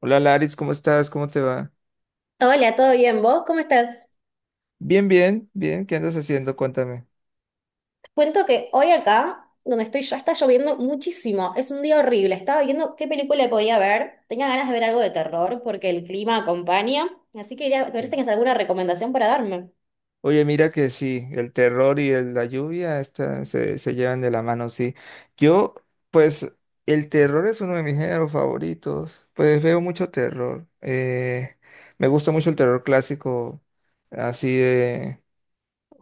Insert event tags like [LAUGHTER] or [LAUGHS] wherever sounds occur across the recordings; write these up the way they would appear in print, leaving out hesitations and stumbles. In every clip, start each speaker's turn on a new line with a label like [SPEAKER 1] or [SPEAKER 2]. [SPEAKER 1] Hola Laris, ¿cómo estás? ¿Cómo te va?
[SPEAKER 2] Hola, ¿todo bien? ¿Vos cómo estás?
[SPEAKER 1] Bien, bien, bien. ¿Qué andas haciendo? Cuéntame.
[SPEAKER 2] Te cuento que hoy acá, donde estoy yo, está lloviendo muchísimo. Es un día horrible. Estaba viendo qué película podía ver. Tenía ganas de ver algo de terror porque el clima acompaña. Así que quería ver si tienes alguna recomendación para darme.
[SPEAKER 1] Oye, mira que sí, el terror y la lluvia se llevan de la mano, sí. Yo, pues, el terror es uno de mis géneros favoritos. Pues veo mucho terror. Me gusta mucho el terror clásico, así de...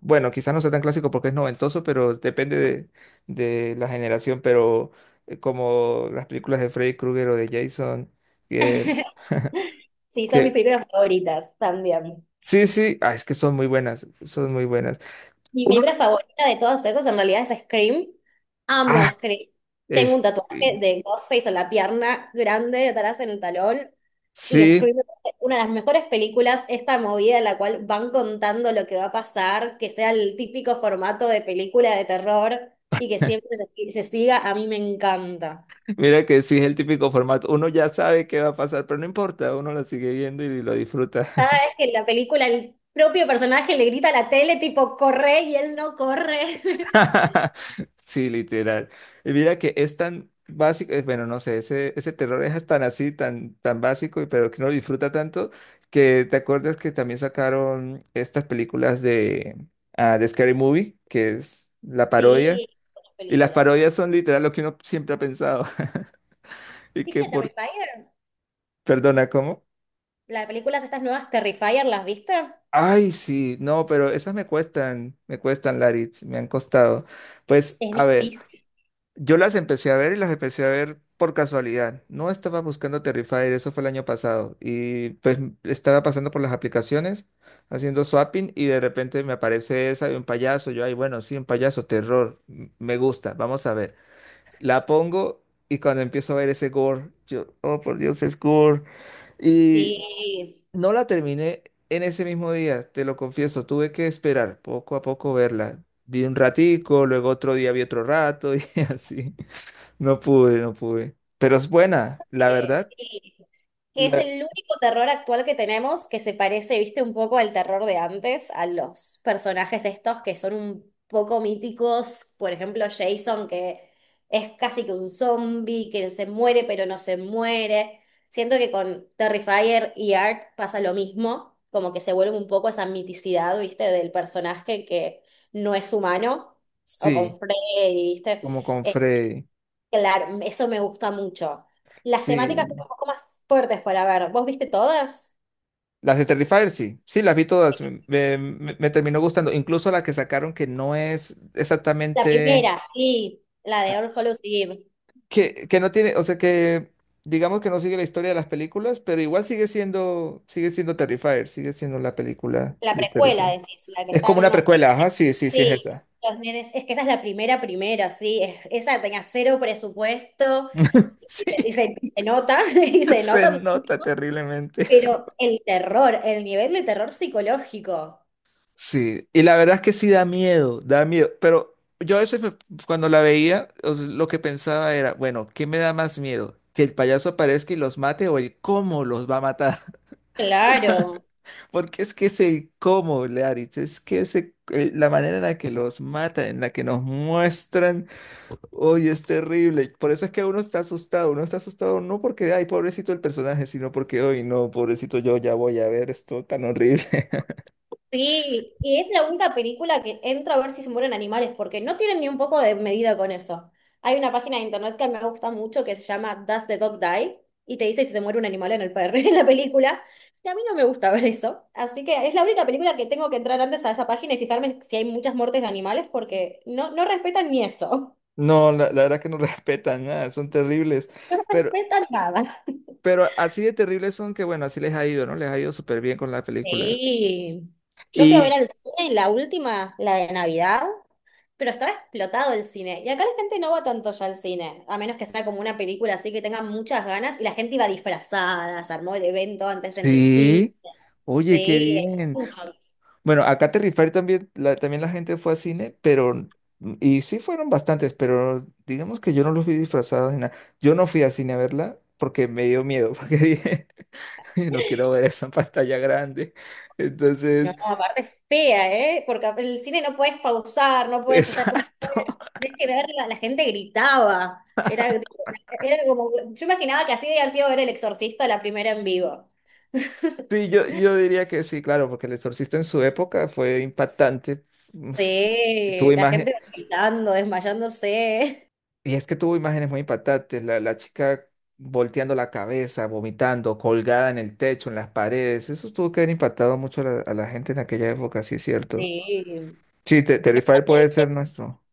[SPEAKER 1] Bueno, quizás no sea tan clásico porque es noventoso, pero depende de la generación, pero como las películas de Freddy Krueger o de Jason, que...
[SPEAKER 2] [LAUGHS]
[SPEAKER 1] [LAUGHS]
[SPEAKER 2] Sí, son mis
[SPEAKER 1] Que
[SPEAKER 2] películas favoritas también.
[SPEAKER 1] sí, sí, ah, es que son muy buenas, son muy buenas.
[SPEAKER 2] Mi
[SPEAKER 1] Uno,
[SPEAKER 2] película favorita de todas esas en realidad es Scream. Amo
[SPEAKER 1] ah,
[SPEAKER 2] Scream. Tengo
[SPEAKER 1] es
[SPEAKER 2] un
[SPEAKER 1] que
[SPEAKER 2] tatuaje de Ghostface en la pierna grande, atrás en el talón. Y
[SPEAKER 1] sí.
[SPEAKER 2] Scream es una de las mejores películas, esta movida en la cual van contando lo que va a pasar, que sea el típico formato de película de terror y que siempre se siga, a mí me encanta.
[SPEAKER 1] [LAUGHS] Mira que sí es el típico formato. Uno ya sabe qué va a pasar, pero no importa, uno la sigue viendo y lo disfruta.
[SPEAKER 2] Cada vez que en la película el propio personaje le grita a la tele tipo corre y él no corre. [LAUGHS]
[SPEAKER 1] [LAUGHS] Sí, literal. Y mira que es tan básico, bueno, no sé, ese terror es tan así, tan básico, y pero que uno lo disfruta tanto, que te acuerdas que también sacaron estas películas de Scary Movie, que es la parodia.
[SPEAKER 2] Sí, buenas
[SPEAKER 1] Y las
[SPEAKER 2] películas.
[SPEAKER 1] parodias son literal lo que uno siempre ha pensado. [LAUGHS] Y que
[SPEAKER 2] ¿Viste
[SPEAKER 1] por...
[SPEAKER 2] Terrifier?
[SPEAKER 1] Perdona, ¿cómo?
[SPEAKER 2] Las películas estas nuevas Terrifier, ¿las viste?
[SPEAKER 1] Ay, sí, no, pero esas me cuestan, Laritz, me han costado. Pues,
[SPEAKER 2] Es
[SPEAKER 1] a ver,
[SPEAKER 2] difícil.
[SPEAKER 1] yo las empecé a ver y las empecé a ver por casualidad. No estaba buscando Terrifier, eso fue el año pasado. Y pues estaba pasando por las aplicaciones, haciendo swapping y de repente me aparece esa de un payaso. Yo, ay, bueno, sí, un payaso, terror, me gusta, vamos a ver. La pongo y cuando empiezo a ver ese gore, yo, oh por Dios, es gore. Y
[SPEAKER 2] Sí,
[SPEAKER 1] no la terminé en ese mismo día, te lo confieso, tuve que esperar poco a poco verla. Vi un ratico, luego otro día vi otro rato y [LAUGHS] así. No pude, no pude. Pero es buena, la verdad.
[SPEAKER 2] sí. Es
[SPEAKER 1] la-
[SPEAKER 2] el único terror actual que tenemos que se parece, viste, un poco al terror de antes, a los personajes estos que son un poco míticos, por ejemplo, Jason, que es casi que un zombie, que se muere pero no se muere. Siento que con Terrifier y Art pasa lo mismo, como que se vuelve un poco esa miticidad, viste, del personaje que no es humano, o con
[SPEAKER 1] Sí,
[SPEAKER 2] Freddy, viste.
[SPEAKER 1] como con
[SPEAKER 2] Eh,
[SPEAKER 1] Freddy.
[SPEAKER 2] Claro, eso me gusta mucho. Las temáticas son
[SPEAKER 1] Sí,
[SPEAKER 2] un poco más fuertes para ver. ¿Vos viste todas?
[SPEAKER 1] las de Terrifier, sí, sí, las vi todas, me terminó gustando, incluso la que sacaron que no es
[SPEAKER 2] La
[SPEAKER 1] exactamente.
[SPEAKER 2] primera, sí, la de All Hallows Eve.
[SPEAKER 1] Que no tiene, o sea que digamos que no sigue la historia de las películas, pero igual sigue siendo Terrifier, sigue siendo la película
[SPEAKER 2] La
[SPEAKER 1] de
[SPEAKER 2] precuela,
[SPEAKER 1] Terrifier.
[SPEAKER 2] decís, la que
[SPEAKER 1] Es
[SPEAKER 2] están
[SPEAKER 1] como una
[SPEAKER 2] unos
[SPEAKER 1] precuela, ajá,
[SPEAKER 2] nenes.
[SPEAKER 1] sí, sí, sí es
[SPEAKER 2] Sí,
[SPEAKER 1] esa.
[SPEAKER 2] los nenes. Es que esa es la primera, primera, sí. Esa tenía cero presupuesto
[SPEAKER 1] [LAUGHS]
[SPEAKER 2] y,
[SPEAKER 1] Sí,
[SPEAKER 2] y y se nota, [LAUGHS] y se
[SPEAKER 1] se
[SPEAKER 2] nota
[SPEAKER 1] nota
[SPEAKER 2] muchísimo.
[SPEAKER 1] terriblemente. [LAUGHS]
[SPEAKER 2] Pero el terror, el nivel de terror psicológico.
[SPEAKER 1] Sí, y la verdad es que sí da miedo, pero yo a veces cuando la veía, o sea, lo que pensaba era, bueno, ¿qué me da más miedo? ¿Que el payaso aparezca y los mate o el cómo los va a matar?
[SPEAKER 2] Claro.
[SPEAKER 1] Porque es que ese cómo, Learitz, es que la manera en la que los matan, en la que nos muestran, hoy es terrible. Por eso es que uno está asustado. Uno está asustado no porque, ay, pobrecito el personaje, sino porque, hoy no, pobrecito yo ya voy a ver esto tan horrible. [LAUGHS]
[SPEAKER 2] Sí, y es la única película que entro a ver si se mueren animales, porque no tienen ni un poco de medida con eso. Hay una página de internet que me gusta mucho que se llama Does the Dog Die? Y te dice si se muere un animal en el perro, [LAUGHS] en la película. Y a mí no me gusta ver eso. Así que es la única película que tengo que entrar antes a esa página y fijarme si hay muchas muertes de animales, porque no, no respetan ni eso. [LAUGHS]
[SPEAKER 1] No, la verdad que no [LAUGHS] respetan nada, son terribles.
[SPEAKER 2] No
[SPEAKER 1] Pero,
[SPEAKER 2] respetan nada.
[SPEAKER 1] pero así de terribles son que, bueno, así les ha ido, ¿no? Les ha ido súper bien con la película.
[SPEAKER 2] Sí. Yo fui a ver
[SPEAKER 1] Y
[SPEAKER 2] al cine la última, la de Navidad. Pero estaba explotado el cine. Y acá la gente no va tanto ya al cine, a menos que sea como una película así que tenga muchas ganas. Y la gente iba disfrazada, se armó el evento antes en el cine.
[SPEAKER 1] sí, oye, qué
[SPEAKER 2] Sí,
[SPEAKER 1] bien.
[SPEAKER 2] mucho.
[SPEAKER 1] Bueno, acá Terry Fair también la gente fue a cine, y sí fueron bastantes, pero digamos que yo no los vi disfrazados ni nada. Yo no fui a cine a verla porque me dio miedo, [LAUGHS] porque dije, "Ay, no quiero ver esa [LAUGHS] pantalla grande."
[SPEAKER 2] No,
[SPEAKER 1] Entonces,
[SPEAKER 2] aparte es fea, ¿eh? Porque el cine no puedes pausar, no
[SPEAKER 1] [LAUGHS]
[SPEAKER 2] puedes estar como.
[SPEAKER 1] exacto.
[SPEAKER 2] Tienes que verla, la gente gritaba. Era, era como. Yo imaginaba que así de haber sido ver El Exorcista la primera en vivo. [LAUGHS]
[SPEAKER 1] Sí, yo diría que sí, claro, porque El Exorcista en su época fue impactante. Uf, Tuvo
[SPEAKER 2] Sí, la
[SPEAKER 1] imagen,
[SPEAKER 2] gente gritando, desmayándose.
[SPEAKER 1] y es que tuvo imágenes muy impactantes, la chica volteando la cabeza, vomitando, colgada en el techo, en las paredes. Eso tuvo que haber impactado mucho a la gente en aquella época, sí es cierto.
[SPEAKER 2] Sí.
[SPEAKER 1] Sí,
[SPEAKER 2] Y
[SPEAKER 1] Terrifier puede ser
[SPEAKER 2] aparte,
[SPEAKER 1] nuestro.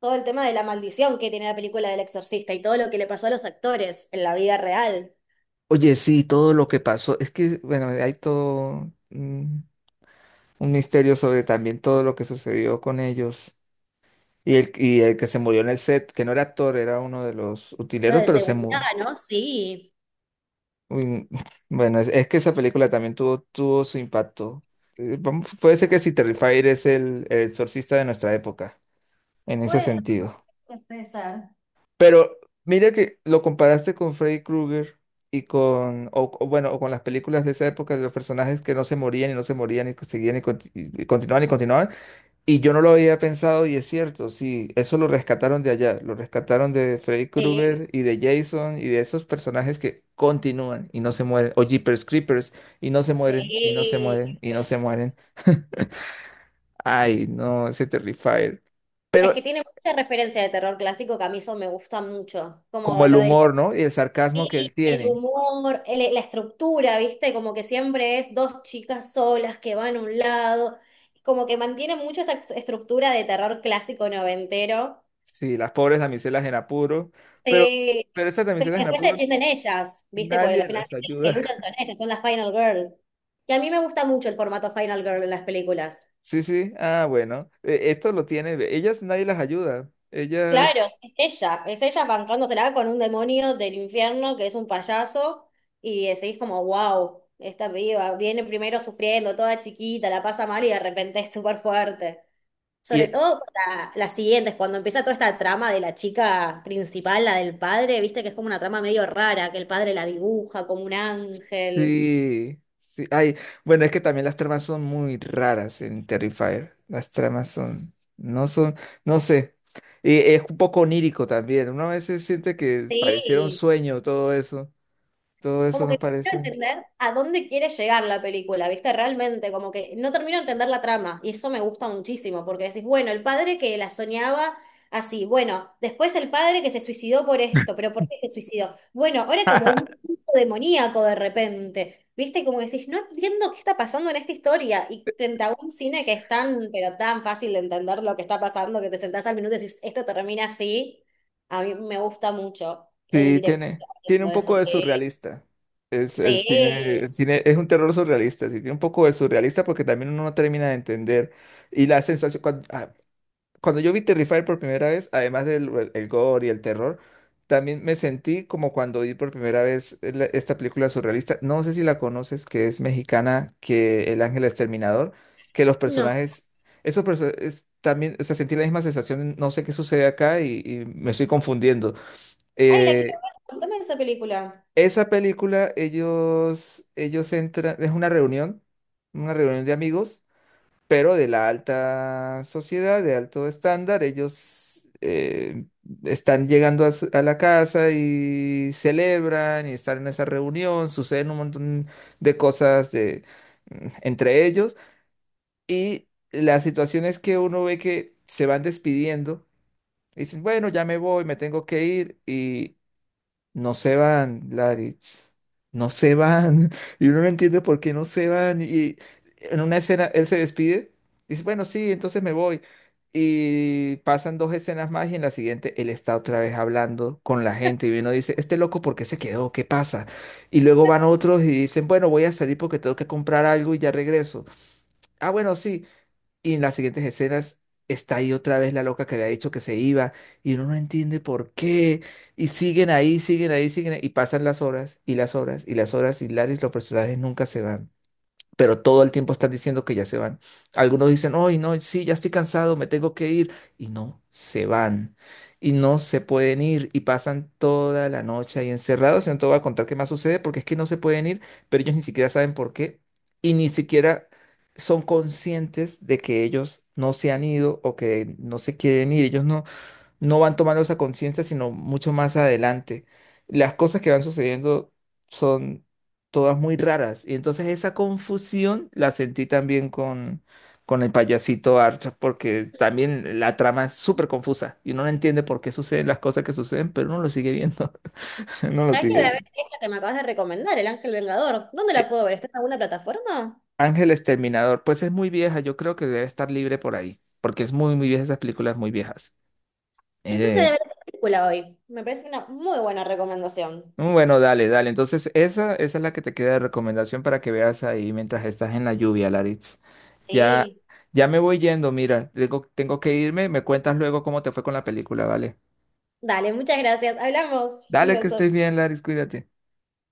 [SPEAKER 2] todo el tema de la maldición que tiene la película del Exorcista y todo lo que le pasó a los actores en la vida real.
[SPEAKER 1] Oye, sí, todo lo que pasó. Es que, bueno, hay todo un misterio sobre también todo lo que sucedió con ellos. Y el que se murió en el set, que no era actor, era uno de los
[SPEAKER 2] Lo
[SPEAKER 1] utileros,
[SPEAKER 2] de
[SPEAKER 1] pero se
[SPEAKER 2] seguridad,
[SPEAKER 1] murió.
[SPEAKER 2] ¿no? Sí.
[SPEAKER 1] Uy, [LAUGHS] bueno, es, que esa película también tuvo, tuvo su impacto. Vamos, puede ser que si Terrifier es el exorcista de nuestra época, en ese
[SPEAKER 2] Puede
[SPEAKER 1] sentido.
[SPEAKER 2] ser, puede ser.
[SPEAKER 1] Pero mira que lo comparaste con Freddy Krueger y o bueno, o con las películas de esa época, de los personajes que no se morían y no se morían y seguían y continuaban y continuaban. Y yo no lo había pensado y es cierto, sí, eso lo rescataron de allá, lo rescataron de Freddy
[SPEAKER 2] Sí,
[SPEAKER 1] Krueger y de Jason y de esos personajes que continúan y no se mueren, o Jeepers Creepers y no se mueren, y no se
[SPEAKER 2] sí.
[SPEAKER 1] mueren, y no
[SPEAKER 2] Buena
[SPEAKER 1] se
[SPEAKER 2] peli.
[SPEAKER 1] mueren. Ay, no, ese Terrifier.
[SPEAKER 2] Es
[SPEAKER 1] Pero
[SPEAKER 2] que tiene mucha referencia de terror clásico que a mí eso me gusta mucho. Como
[SPEAKER 1] como el
[SPEAKER 2] lo del
[SPEAKER 1] humor, ¿no? Y el sarcasmo que él
[SPEAKER 2] sí, el
[SPEAKER 1] tiene.
[SPEAKER 2] humor, la estructura, ¿viste? Como que siempre es dos chicas solas que van a un lado. Como que mantiene mucho esa estructura de terror clásico noventero.
[SPEAKER 1] Sí, las pobres damiselas en apuro, pero,
[SPEAKER 2] Sí.
[SPEAKER 1] pero estas
[SPEAKER 2] Pero
[SPEAKER 1] damiselas en
[SPEAKER 2] después se
[SPEAKER 1] apuro
[SPEAKER 2] defienden ellas, ¿viste? Porque
[SPEAKER 1] nadie las
[SPEAKER 2] finalmente las que
[SPEAKER 1] ayuda.
[SPEAKER 2] luchan
[SPEAKER 1] [LAUGHS]
[SPEAKER 2] son ellas, son las Final Girl. Y a mí me gusta mucho el formato Final Girl en las películas.
[SPEAKER 1] Sí, sí, ah, bueno, esto lo tiene, ellas nadie las ayuda, ellas.
[SPEAKER 2] Claro, es ella bancándosela con un demonio del infierno que es un payaso y seguís como, wow, esta viva, viene primero sufriendo, toda chiquita, la pasa mal y de repente es súper fuerte. Sobre
[SPEAKER 1] Y,
[SPEAKER 2] todo para las siguientes, cuando empieza toda esta trama de la chica principal, la del padre, viste que es como una trama medio rara, que el padre la dibuja como un ángel.
[SPEAKER 1] Sí, sí. Ay, bueno, es que también las tramas son muy raras en Terrifier. Las tramas son, no sé. Y es un poco onírico también. Uno a veces siente que pareciera un
[SPEAKER 2] Sí,
[SPEAKER 1] sueño todo eso. Todo
[SPEAKER 2] como
[SPEAKER 1] eso
[SPEAKER 2] que
[SPEAKER 1] no
[SPEAKER 2] no quiero
[SPEAKER 1] parece.
[SPEAKER 2] entender a dónde quiere llegar la película, ¿viste? Realmente, como que no termino de entender la trama y eso me gusta muchísimo porque decís, bueno, el padre que la soñaba así, bueno, después el padre que se suicidó por esto, pero ¿por qué se suicidó? Bueno, ahora como un
[SPEAKER 1] [LAUGHS]
[SPEAKER 2] culto demoníaco de repente, ¿viste? Como que decís, no entiendo qué está pasando en esta historia y frente a un cine que es tan, pero tan fácil de entender lo que está pasando que te sentás al minuto y decís, esto termina así, a mí me gusta mucho el
[SPEAKER 1] Sí,
[SPEAKER 2] director
[SPEAKER 1] tiene
[SPEAKER 2] haciendo
[SPEAKER 1] un
[SPEAKER 2] eso,
[SPEAKER 1] poco de
[SPEAKER 2] sí.
[SPEAKER 1] surrealista. Es, el cine,
[SPEAKER 2] Sí.
[SPEAKER 1] el cine es un terror surrealista, sí, tiene un poco de surrealista porque también uno no termina de entender. Y la sensación, cuando yo vi Terrifier por primera vez, además del el gore y el terror, también me sentí como cuando vi por primera vez esta película surrealista. No sé si la conoces, que es mexicana, que El Ángel Exterminador, que los
[SPEAKER 2] No.
[SPEAKER 1] personajes, esos personajes también, o sea, sentí la misma sensación, no sé qué sucede acá y me estoy confundiendo.
[SPEAKER 2] Ay, la quiero
[SPEAKER 1] Eh,
[SPEAKER 2] ver. Contame de esa película.
[SPEAKER 1] Esa película, ellos entran, es una reunión de amigos pero de la alta sociedad, de alto estándar, ellos están llegando a la casa y celebran y están en esa reunión, suceden un montón de cosas entre ellos y la situación es que uno ve que se van despidiendo. Y dicen, bueno, ya me voy, me tengo que ir. Y no se van, Laritz. No se van. [LAUGHS] Y uno no entiende por qué no se van. Y en una escena él se despide. Dice, bueno, sí, entonces me voy. Y pasan dos escenas más y en la siguiente él está otra vez hablando con la gente. Y uno dice, este loco, ¿por qué se quedó? ¿Qué pasa? Y luego van otros y dicen, bueno, voy a salir porque tengo que comprar algo y ya regreso. Ah, bueno, sí. Y en las siguientes escenas está ahí otra vez la loca que había dicho que se iba y uno no entiende por qué. Y siguen ahí, siguen ahí, siguen ahí. Y pasan las horas y las horas y las horas y Laris, los personajes nunca se van pero todo el tiempo están diciendo que ya se van. Algunos dicen, hoy no, sí, ya estoy cansado, me tengo que ir. Y no, se van. Y no se pueden ir y pasan toda la noche ahí encerrados. Y no te voy a contar qué más sucede porque es que no se pueden ir, pero ellos ni siquiera saben por qué y ni siquiera son conscientes de que ellos no se han ido o que no se quieren ir. Ellos no van tomando esa conciencia, sino mucho más adelante. Las cosas que van sucediendo son todas muy raras. Y entonces esa confusión la sentí también con el payasito Archer, porque también la trama es súper confusa y uno no entiende por qué suceden las cosas que suceden, pero uno lo sigue viendo. [LAUGHS] No lo
[SPEAKER 2] ¿Sabés que voy
[SPEAKER 1] sigue
[SPEAKER 2] a ver
[SPEAKER 1] viendo.
[SPEAKER 2] esta que me acabas de recomendar, El Ángel Vengador? ¿Dónde la
[SPEAKER 1] Eh,
[SPEAKER 2] puedo ver? ¿Está en alguna plataforma?
[SPEAKER 1] Ángel Exterminador, pues es muy vieja, yo creo que debe estar libre por ahí, porque es muy, muy vieja, esas películas muy viejas. Eh,
[SPEAKER 2] Entonces voy a ver esta película hoy. Me parece una muy buena recomendación.
[SPEAKER 1] Bueno, dale, dale. Entonces, esa es la que te queda de recomendación para que veas ahí mientras estás en la lluvia, Laritz. Ya,
[SPEAKER 2] Sí.
[SPEAKER 1] ya me voy yendo, mira, tengo que irme. Me cuentas luego cómo te fue con la película, ¿vale?
[SPEAKER 2] Dale, muchas gracias. Hablamos. Un
[SPEAKER 1] Dale, que
[SPEAKER 2] beso.
[SPEAKER 1] estés bien, Laritz, cuídate.